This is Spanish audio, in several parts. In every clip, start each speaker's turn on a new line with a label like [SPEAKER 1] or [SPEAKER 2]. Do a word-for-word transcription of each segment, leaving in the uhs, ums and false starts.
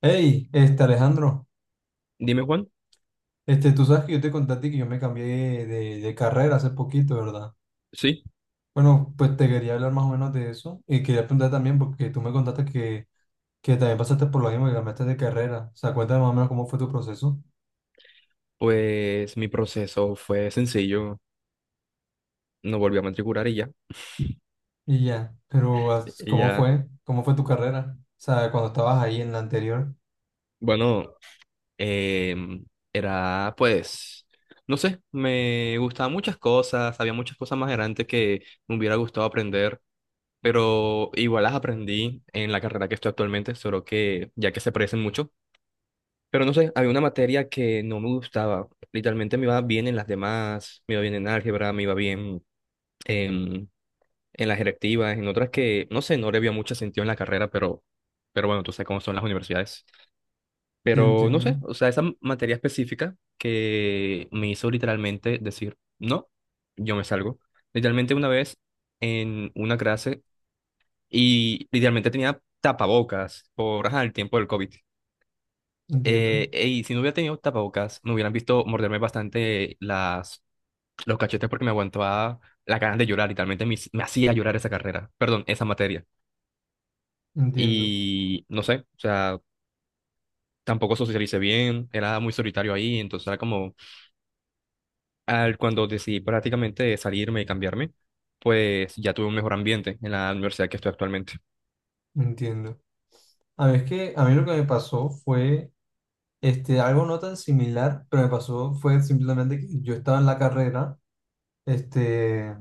[SPEAKER 1] Hey, este Alejandro.
[SPEAKER 2] Dime, Juan.
[SPEAKER 1] Este, tú sabes que yo te conté a ti que yo me cambié de, de carrera hace poquito, ¿verdad?
[SPEAKER 2] Sí,
[SPEAKER 1] Bueno, pues te quería hablar más o menos de eso y quería preguntar también porque tú me contaste que, que también pasaste por lo mismo que cambiaste de carrera. O sea, cuéntame más o menos cómo fue tu proceso
[SPEAKER 2] pues mi proceso fue sencillo. No volví a matricular y ya.
[SPEAKER 1] y ya. Pero as-
[SPEAKER 2] Y
[SPEAKER 1] ¿cómo
[SPEAKER 2] ya,
[SPEAKER 1] fue? ¿Cómo fue tu carrera? O sea, cuando estabas ahí en la anterior.
[SPEAKER 2] bueno, em, era pues, no sé, me gustaban muchas cosas, había muchas cosas más adelante que me hubiera gustado aprender, pero igual las aprendí en la carrera que estoy actualmente, solo que ya que se parecen mucho. Pero no sé, había una materia que no me gustaba. Literalmente me iba bien en las demás, me iba bien en álgebra, me iba bien en las electivas, en otras que, no sé, no le había mucho sentido en la carrera, pero, pero bueno, tú sabes cómo son las universidades.
[SPEAKER 1] Sí,
[SPEAKER 2] Pero no
[SPEAKER 1] entiendo,
[SPEAKER 2] sé, o sea, esa m- materia específica que me hizo literalmente decir, no, yo me salgo. Literalmente una vez en una clase y literalmente tenía tapabocas por ajá, el tiempo del COVID.
[SPEAKER 1] entiendo,
[SPEAKER 2] Eh, y si no hubiera tenido tapabocas, me hubieran visto morderme bastante las, los cachetes porque me aguantaba la ganas de llorar, literalmente me, hic- me hacía llorar esa carrera, perdón, esa materia.
[SPEAKER 1] entiendo,
[SPEAKER 2] Y no sé, o sea, tampoco socialicé bien, era muy solitario ahí, entonces era como, al, cuando decidí prácticamente salirme y cambiarme, pues ya tuve un mejor ambiente en la universidad que estoy actualmente.
[SPEAKER 1] entiendo. A mí es que a mí lo que me pasó fue Este, algo no tan similar, pero me pasó fue simplemente que yo estaba en la carrera, este,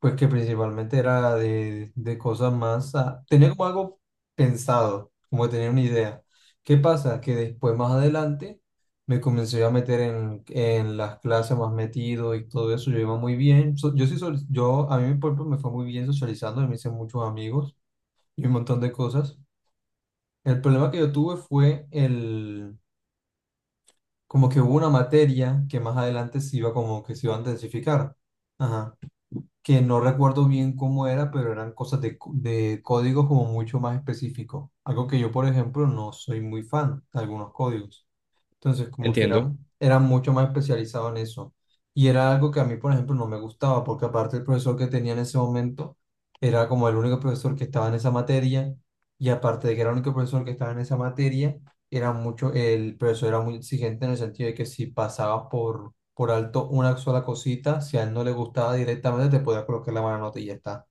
[SPEAKER 1] pues que principalmente era de, de cosas más, ah, tenía como algo pensado, como que tenía una idea. ¿Qué pasa? Que después, más adelante, me comencé a meter en, en las clases más metido y todo eso. Yo iba muy bien, so- yo sí, sol- yo, a mí por ejemplo, me fue muy bien socializando, me hice muchos amigos y un montón de cosas. El problema que yo tuve fue el como que hubo una materia que más adelante se iba como que se iba a intensificar. Ajá. Que no recuerdo bien cómo era, pero eran cosas de, co- de códigos como mucho más específicos. Algo que yo, por ejemplo, no soy muy fan de algunos códigos. Entonces, como que era,
[SPEAKER 2] Entiendo,
[SPEAKER 1] era mucho más especializado en eso. Y era algo que a mí, por ejemplo, no me gustaba, porque aparte el profesor que tenía en ese momento era como el único profesor que estaba en esa materia, y aparte de que era el único profesor que estaba en esa materia, era mucho, el profesor era muy exigente en el sentido de que si pasabas por, por alto una sola cosita, si a él no le gustaba directamente, te podía colocar la mala nota y ya está.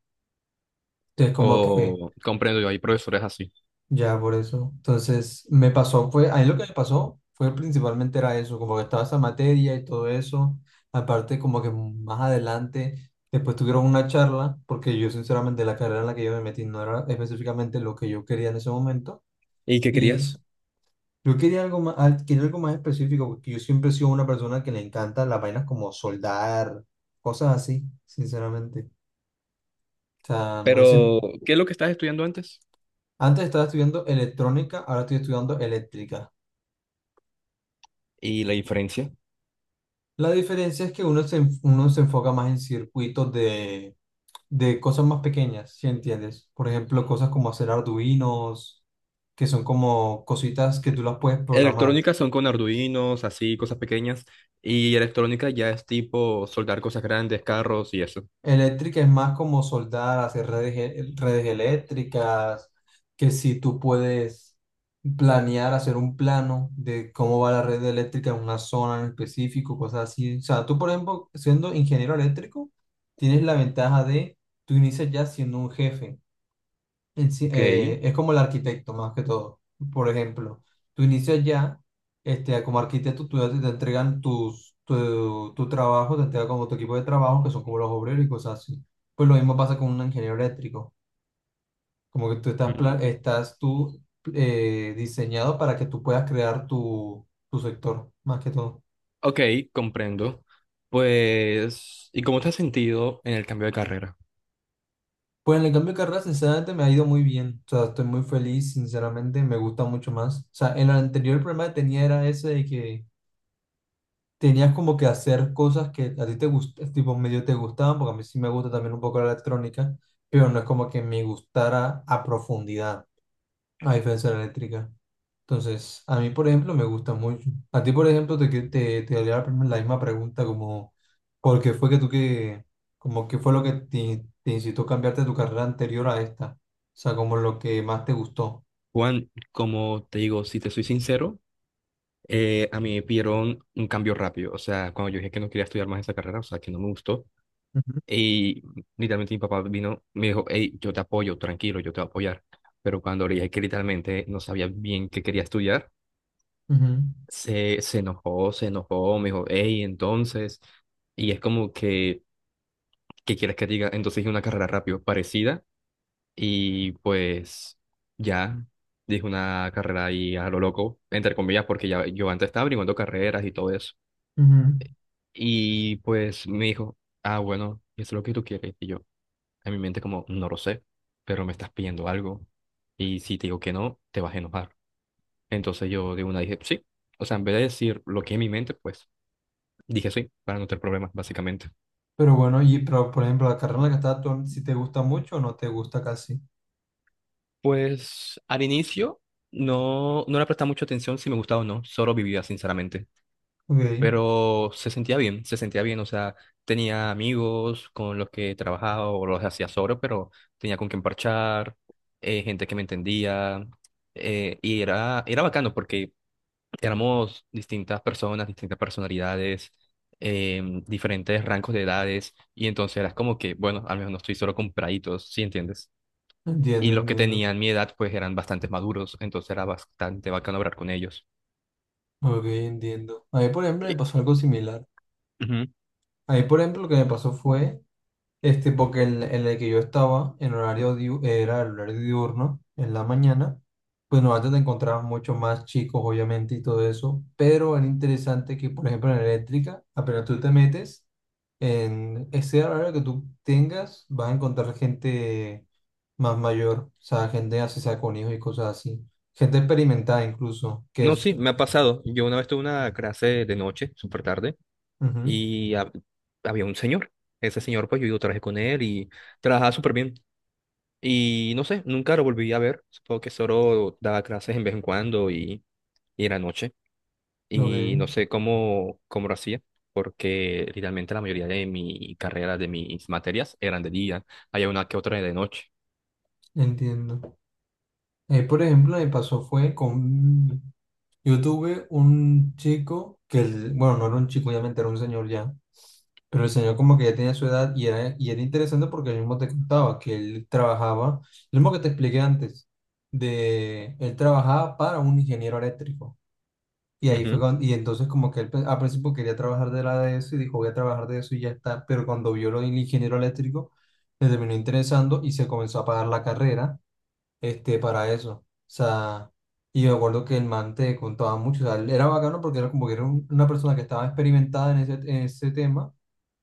[SPEAKER 1] Entonces, como que
[SPEAKER 2] o comprendo, yo hay profesores así.
[SPEAKER 1] ya, por eso. Entonces, me pasó, fue, a mí lo que me pasó fue principalmente era eso, como que estaba esa materia y todo eso. Aparte, como que más adelante, después tuvieron una charla, porque yo sinceramente la carrera en la que yo me metí no era específicamente lo que yo quería en ese momento.
[SPEAKER 2] ¿Y qué
[SPEAKER 1] Y
[SPEAKER 2] querías?
[SPEAKER 1] yo quería algo más, al- quería algo más específico, porque yo siempre he sido una persona que le encanta las vainas como soldar, cosas así, sinceramente. O sea, no es...
[SPEAKER 2] Pero, ¿qué es lo que estás estudiando antes?
[SPEAKER 1] Antes estaba estudiando electrónica, ahora estoy estudiando eléctrica.
[SPEAKER 2] ¿Y la diferencia?
[SPEAKER 1] La diferencia es que uno se, enf- uno se enfoca más en circuitos de, de cosas más pequeñas, ¿si entiendes? Por ejemplo, cosas como hacer arduinos, que son como cositas que tú las puedes programar.
[SPEAKER 2] Electrónica son con Arduinos, así, cosas pequeñas, y electrónica ya es tipo soldar cosas grandes, carros y eso.
[SPEAKER 1] Eléctrica es más como soldar, hacer redes, e- redes eléctricas, que si tú puedes planear, hacer un plano de cómo va la red eléctrica en una zona en específico, cosas así. O sea, tú, por ejemplo, siendo ingeniero eléctrico, tienes la ventaja de, tú inicias ya siendo un jefe. En sí-
[SPEAKER 2] Ok.
[SPEAKER 1] eh, es como el arquitecto más que todo. Por ejemplo, tú inicias ya, este, como arquitecto, tú ya te te entregan tus, tu, tu trabajo, te entregan como tu equipo de trabajo, que son como los obreros y cosas así. Pues lo mismo pasa con un ingeniero eléctrico. Como que tú estás, pla-
[SPEAKER 2] Mm.
[SPEAKER 1] estás tú eh, diseñado para que tú puedas crear tu, tu sector, más que todo.
[SPEAKER 2] Ok, comprendo. Pues, ¿y cómo te has sentido en el cambio de carrera?
[SPEAKER 1] Pues en el cambio de carrera, sinceramente, me ha ido muy bien. O sea, estoy muy feliz, sinceramente, me gusta mucho más. O sea, en el anterior problema que tenía era ese de que tenías como que hacer cosas que a ti te gustaban, tipo medio te gustaban, porque a mí sí me gusta también un poco la electrónica, pero no es como que me gustara a profundidad, a diferencia de la eléctrica. Entonces, a mí, por ejemplo, me gusta mucho. A ti, por ejemplo, te, que- te, te, haría la prim- la misma pregunta como, ¿por qué fue que tú que, como qué fue lo que te, te incitó a cambiarte de tu carrera anterior a esta? O sea, como lo que más te gustó.
[SPEAKER 2] Juan, como te digo, si te soy sincero, eh, a mí me pidieron un cambio rápido. O sea, cuando yo dije que no quería estudiar más esa carrera, o sea, que no me gustó,
[SPEAKER 1] Ujú,
[SPEAKER 2] y literalmente mi papá vino, me dijo, hey, yo te apoyo, tranquilo, yo te voy a apoyar. Pero cuando le dije que literalmente no sabía bien qué quería estudiar,
[SPEAKER 1] ujú,
[SPEAKER 2] se, se enojó, se enojó, me dijo, hey, entonces, y es como que, ¿qué quieres que diga? Entonces dije una carrera rápido, parecida. Y pues ya, dije una carrera ahí a lo loco, entre comillas, porque ya yo antes estaba brincando carreras y todo eso.
[SPEAKER 1] ujú.
[SPEAKER 2] Y pues me dijo, ah, bueno, ¿y es lo que tú quieres? Y yo, en mi mente como, no lo sé, pero me estás pidiendo algo. Y si te digo que no, te vas a enojar. Entonces yo de una dije, sí. O sea, en vez de decir lo que en mi mente, pues dije sí, para no tener problemas, básicamente.
[SPEAKER 1] Pero bueno, y pero, por ejemplo, la carrera en la que estás tú, si te gusta mucho o no te gusta casi.
[SPEAKER 2] Pues al inicio no, no le prestaba mucha atención si me gustaba o no, solo vivía, sinceramente.
[SPEAKER 1] Ok,
[SPEAKER 2] Pero se sentía bien, se sentía bien, o sea, tenía amigos con los que trabajaba o los hacía solo, pero tenía con quien parchar, eh, gente que me entendía, eh, y era, era bacano porque éramos distintas personas, distintas personalidades, em, diferentes rangos de edades, y entonces era como que, bueno, al menos no estoy solo con praditos, ¿sí entiendes?
[SPEAKER 1] entiendo,
[SPEAKER 2] Y los que
[SPEAKER 1] entiendo.
[SPEAKER 2] tenían mi edad, pues eran bastante maduros, entonces era bastante bacano hablar con ellos.
[SPEAKER 1] Ok, entiendo. A mí, por ejemplo, me
[SPEAKER 2] Y-
[SPEAKER 1] pasó algo similar.
[SPEAKER 2] Ujú.
[SPEAKER 1] A mí, por ejemplo, lo que me pasó fue Este, porque en, en el que yo estaba, en horario diu- era el horario diurno, en la mañana, pues no antes te encontrabas mucho más chicos, obviamente, y todo eso, pero era interesante que, por ejemplo, en la eléctrica, apenas tú te metes, en ese horario que tú tengas, vas a encontrar gente más mayor, o sea, gente así sea con hijos y cosas así, gente experimentada incluso, que
[SPEAKER 2] No,
[SPEAKER 1] es,
[SPEAKER 2] sí, me ha pasado. Yo una vez tuve una clase de noche, súper tarde,
[SPEAKER 1] ujú,
[SPEAKER 2] y hab- había un señor. Ese señor, pues yo, yo trabajé con él y trabajaba súper bien. Y no sé, nunca lo volví a ver. Supongo que solo daba clases en vez en cuando y, y era noche.
[SPEAKER 1] ok,
[SPEAKER 2] Y no sé cómo, cómo lo hacía, porque literalmente la mayoría de mi carrera, de mis materias, eran de día. Había una que otra de noche.
[SPEAKER 1] entiendo. Eh, por ejemplo, me pasó fue con Yo tuve un chico que, el- bueno, no era un chico, obviamente era un señor ya, pero el señor como que ya tenía su edad y era, y era interesante porque él mismo te contaba que él trabajaba, lo mismo que te expliqué antes, de él trabajaba para un ingeniero eléctrico. Y ahí fue
[SPEAKER 2] Ujú.
[SPEAKER 1] cuando, y entonces como que él pe- al principio quería trabajar de la de eso y dijo voy a trabajar de eso y ya está, pero cuando vio lo del ingeniero eléctrico, le terminó interesando y se comenzó a pagar la carrera este, para eso. O sea, y me acuerdo que el man te contaba mucho, o sea, él era bacano porque era como que era un- una persona que estaba experimentada en ese, en ese tema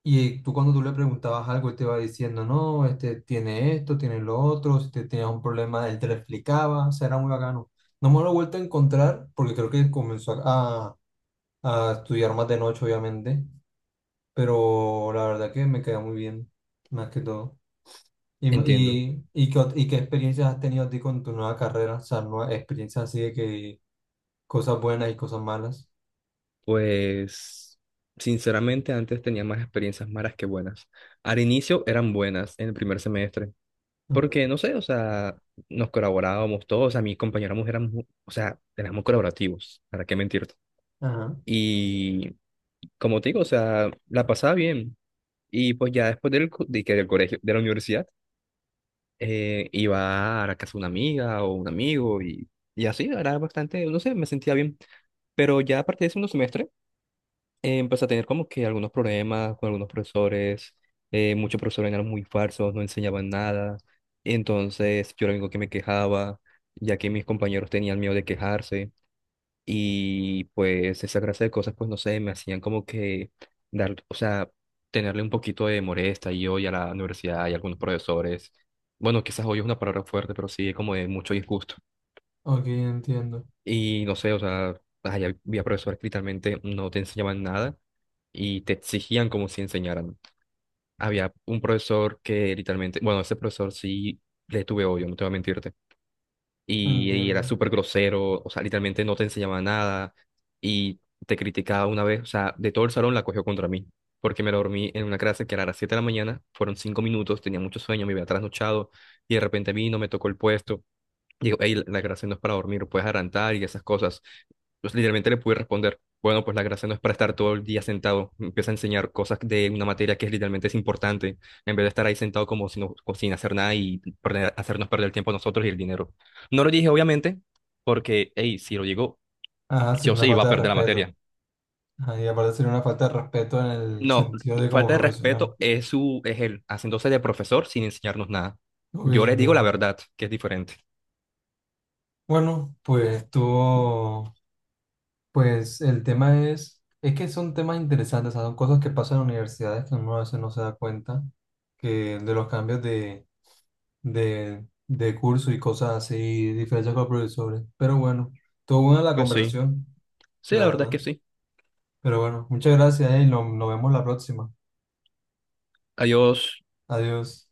[SPEAKER 1] y tú cuando tú le preguntabas algo, él te iba diciendo, no, este, tiene esto, tiene lo otro, si te tenías un problema, él te lo explicaba, o sea, era muy bacano. No me lo he vuelto a encontrar porque creo que comenzó a, a estudiar más de noche, obviamente, pero la verdad que me queda muy bien, más que todo. ¿Y, mo-
[SPEAKER 2] Entiendo.
[SPEAKER 1] y, y, qué, ot- y qué experiencias has tenido ti con tu nueva carrera? O sea, nuevas experiencias así de que cosas buenas y cosas malas.
[SPEAKER 2] Pues, sinceramente, antes tenía más experiencias malas que buenas. Al inicio eran buenas en el primer semestre,
[SPEAKER 1] Ujú.
[SPEAKER 2] porque no sé, o sea, nos colaborábamos todos, o sea, mis compañeros éramos, mu- o sea, éramos colaborativos, ¿para qué mentirte?
[SPEAKER 1] Ajá.
[SPEAKER 2] Y como te digo, o sea, la pasaba bien. Y pues ya después del, co- de, que del colegio, de la universidad, eh, iba a la casa de una amiga o un amigo y, y así, era bastante, no sé, me sentía bien. Pero ya a partir del segundo semestre, eh, empecé a tener como que algunos problemas con algunos profesores, eh, muchos profesores eran muy falsos, no enseñaban nada, entonces yo era el único que me quejaba, ya que mis compañeros tenían miedo de quejarse y pues esa clase de cosas pues no sé, me hacían como que dar, o sea, tenerle un poquito de molestia y hoy a la universidad y a algunos profesores, bueno, quizás hoy es una palabra fuerte, pero sí, como de mucho disgusto.
[SPEAKER 1] Ok, entiendo.
[SPEAKER 2] Y no sé, o sea, ay, había profesores que literalmente no te enseñaban nada y te exigían como si enseñaran. Había un profesor que literalmente, bueno, ese profesor sí le tuve odio, no te voy a mentirte. Y, y era
[SPEAKER 1] Entiendo.
[SPEAKER 2] súper grosero, o sea, literalmente no te enseñaba nada y te criticaba una vez, o sea, de todo el salón la cogió contra mí. Porque me lo dormí en una clase que era a las siete de la mañana, fueron cinco minutos, tenía mucho sueño, me había trasnochado y de repente vino, me tocó el puesto. Digo, hey, la clase no es para dormir, puedes adelantar y esas cosas. Entonces, literalmente le pude responder, bueno, pues la gracia no es para estar todo el día sentado. Me empieza a enseñar cosas de una materia que es literalmente es importante, en vez de estar ahí sentado como si no- como sin hacer nada y perder- hacernos perder el tiempo a nosotros y el dinero. No lo dije, obviamente, porque, hey, si lo digo,
[SPEAKER 1] Ajá,
[SPEAKER 2] sí
[SPEAKER 1] sería
[SPEAKER 2] o
[SPEAKER 1] una
[SPEAKER 2] sí iba
[SPEAKER 1] falta
[SPEAKER 2] a
[SPEAKER 1] de
[SPEAKER 2] perder la
[SPEAKER 1] respeto.
[SPEAKER 2] materia.
[SPEAKER 1] Ajá, y aparte sería una falta de respeto en el
[SPEAKER 2] No,
[SPEAKER 1] sentido de como
[SPEAKER 2] falta de
[SPEAKER 1] profesional.
[SPEAKER 2] respeto es su, es él, haciéndose de profesor sin enseñarnos nada.
[SPEAKER 1] Ok,
[SPEAKER 2] Yo les digo la
[SPEAKER 1] entiendo.
[SPEAKER 2] verdad, que es diferente.
[SPEAKER 1] Bueno, pues tú, pues el tema es, es que son temas interesantes, o sea, son cosas que pasan en universidades que uno a veces no se da cuenta que de los cambios de de, de curso y cosas así, diferencias con los profesores. Pero bueno, estuvo buena la
[SPEAKER 2] Pues sí,
[SPEAKER 1] conversación,
[SPEAKER 2] sí,
[SPEAKER 1] la
[SPEAKER 2] la verdad es
[SPEAKER 1] verdad.
[SPEAKER 2] que sí.
[SPEAKER 1] Pero bueno, muchas gracias, eh, y nos nos vemos la próxima.
[SPEAKER 2] Adiós.
[SPEAKER 1] Adiós.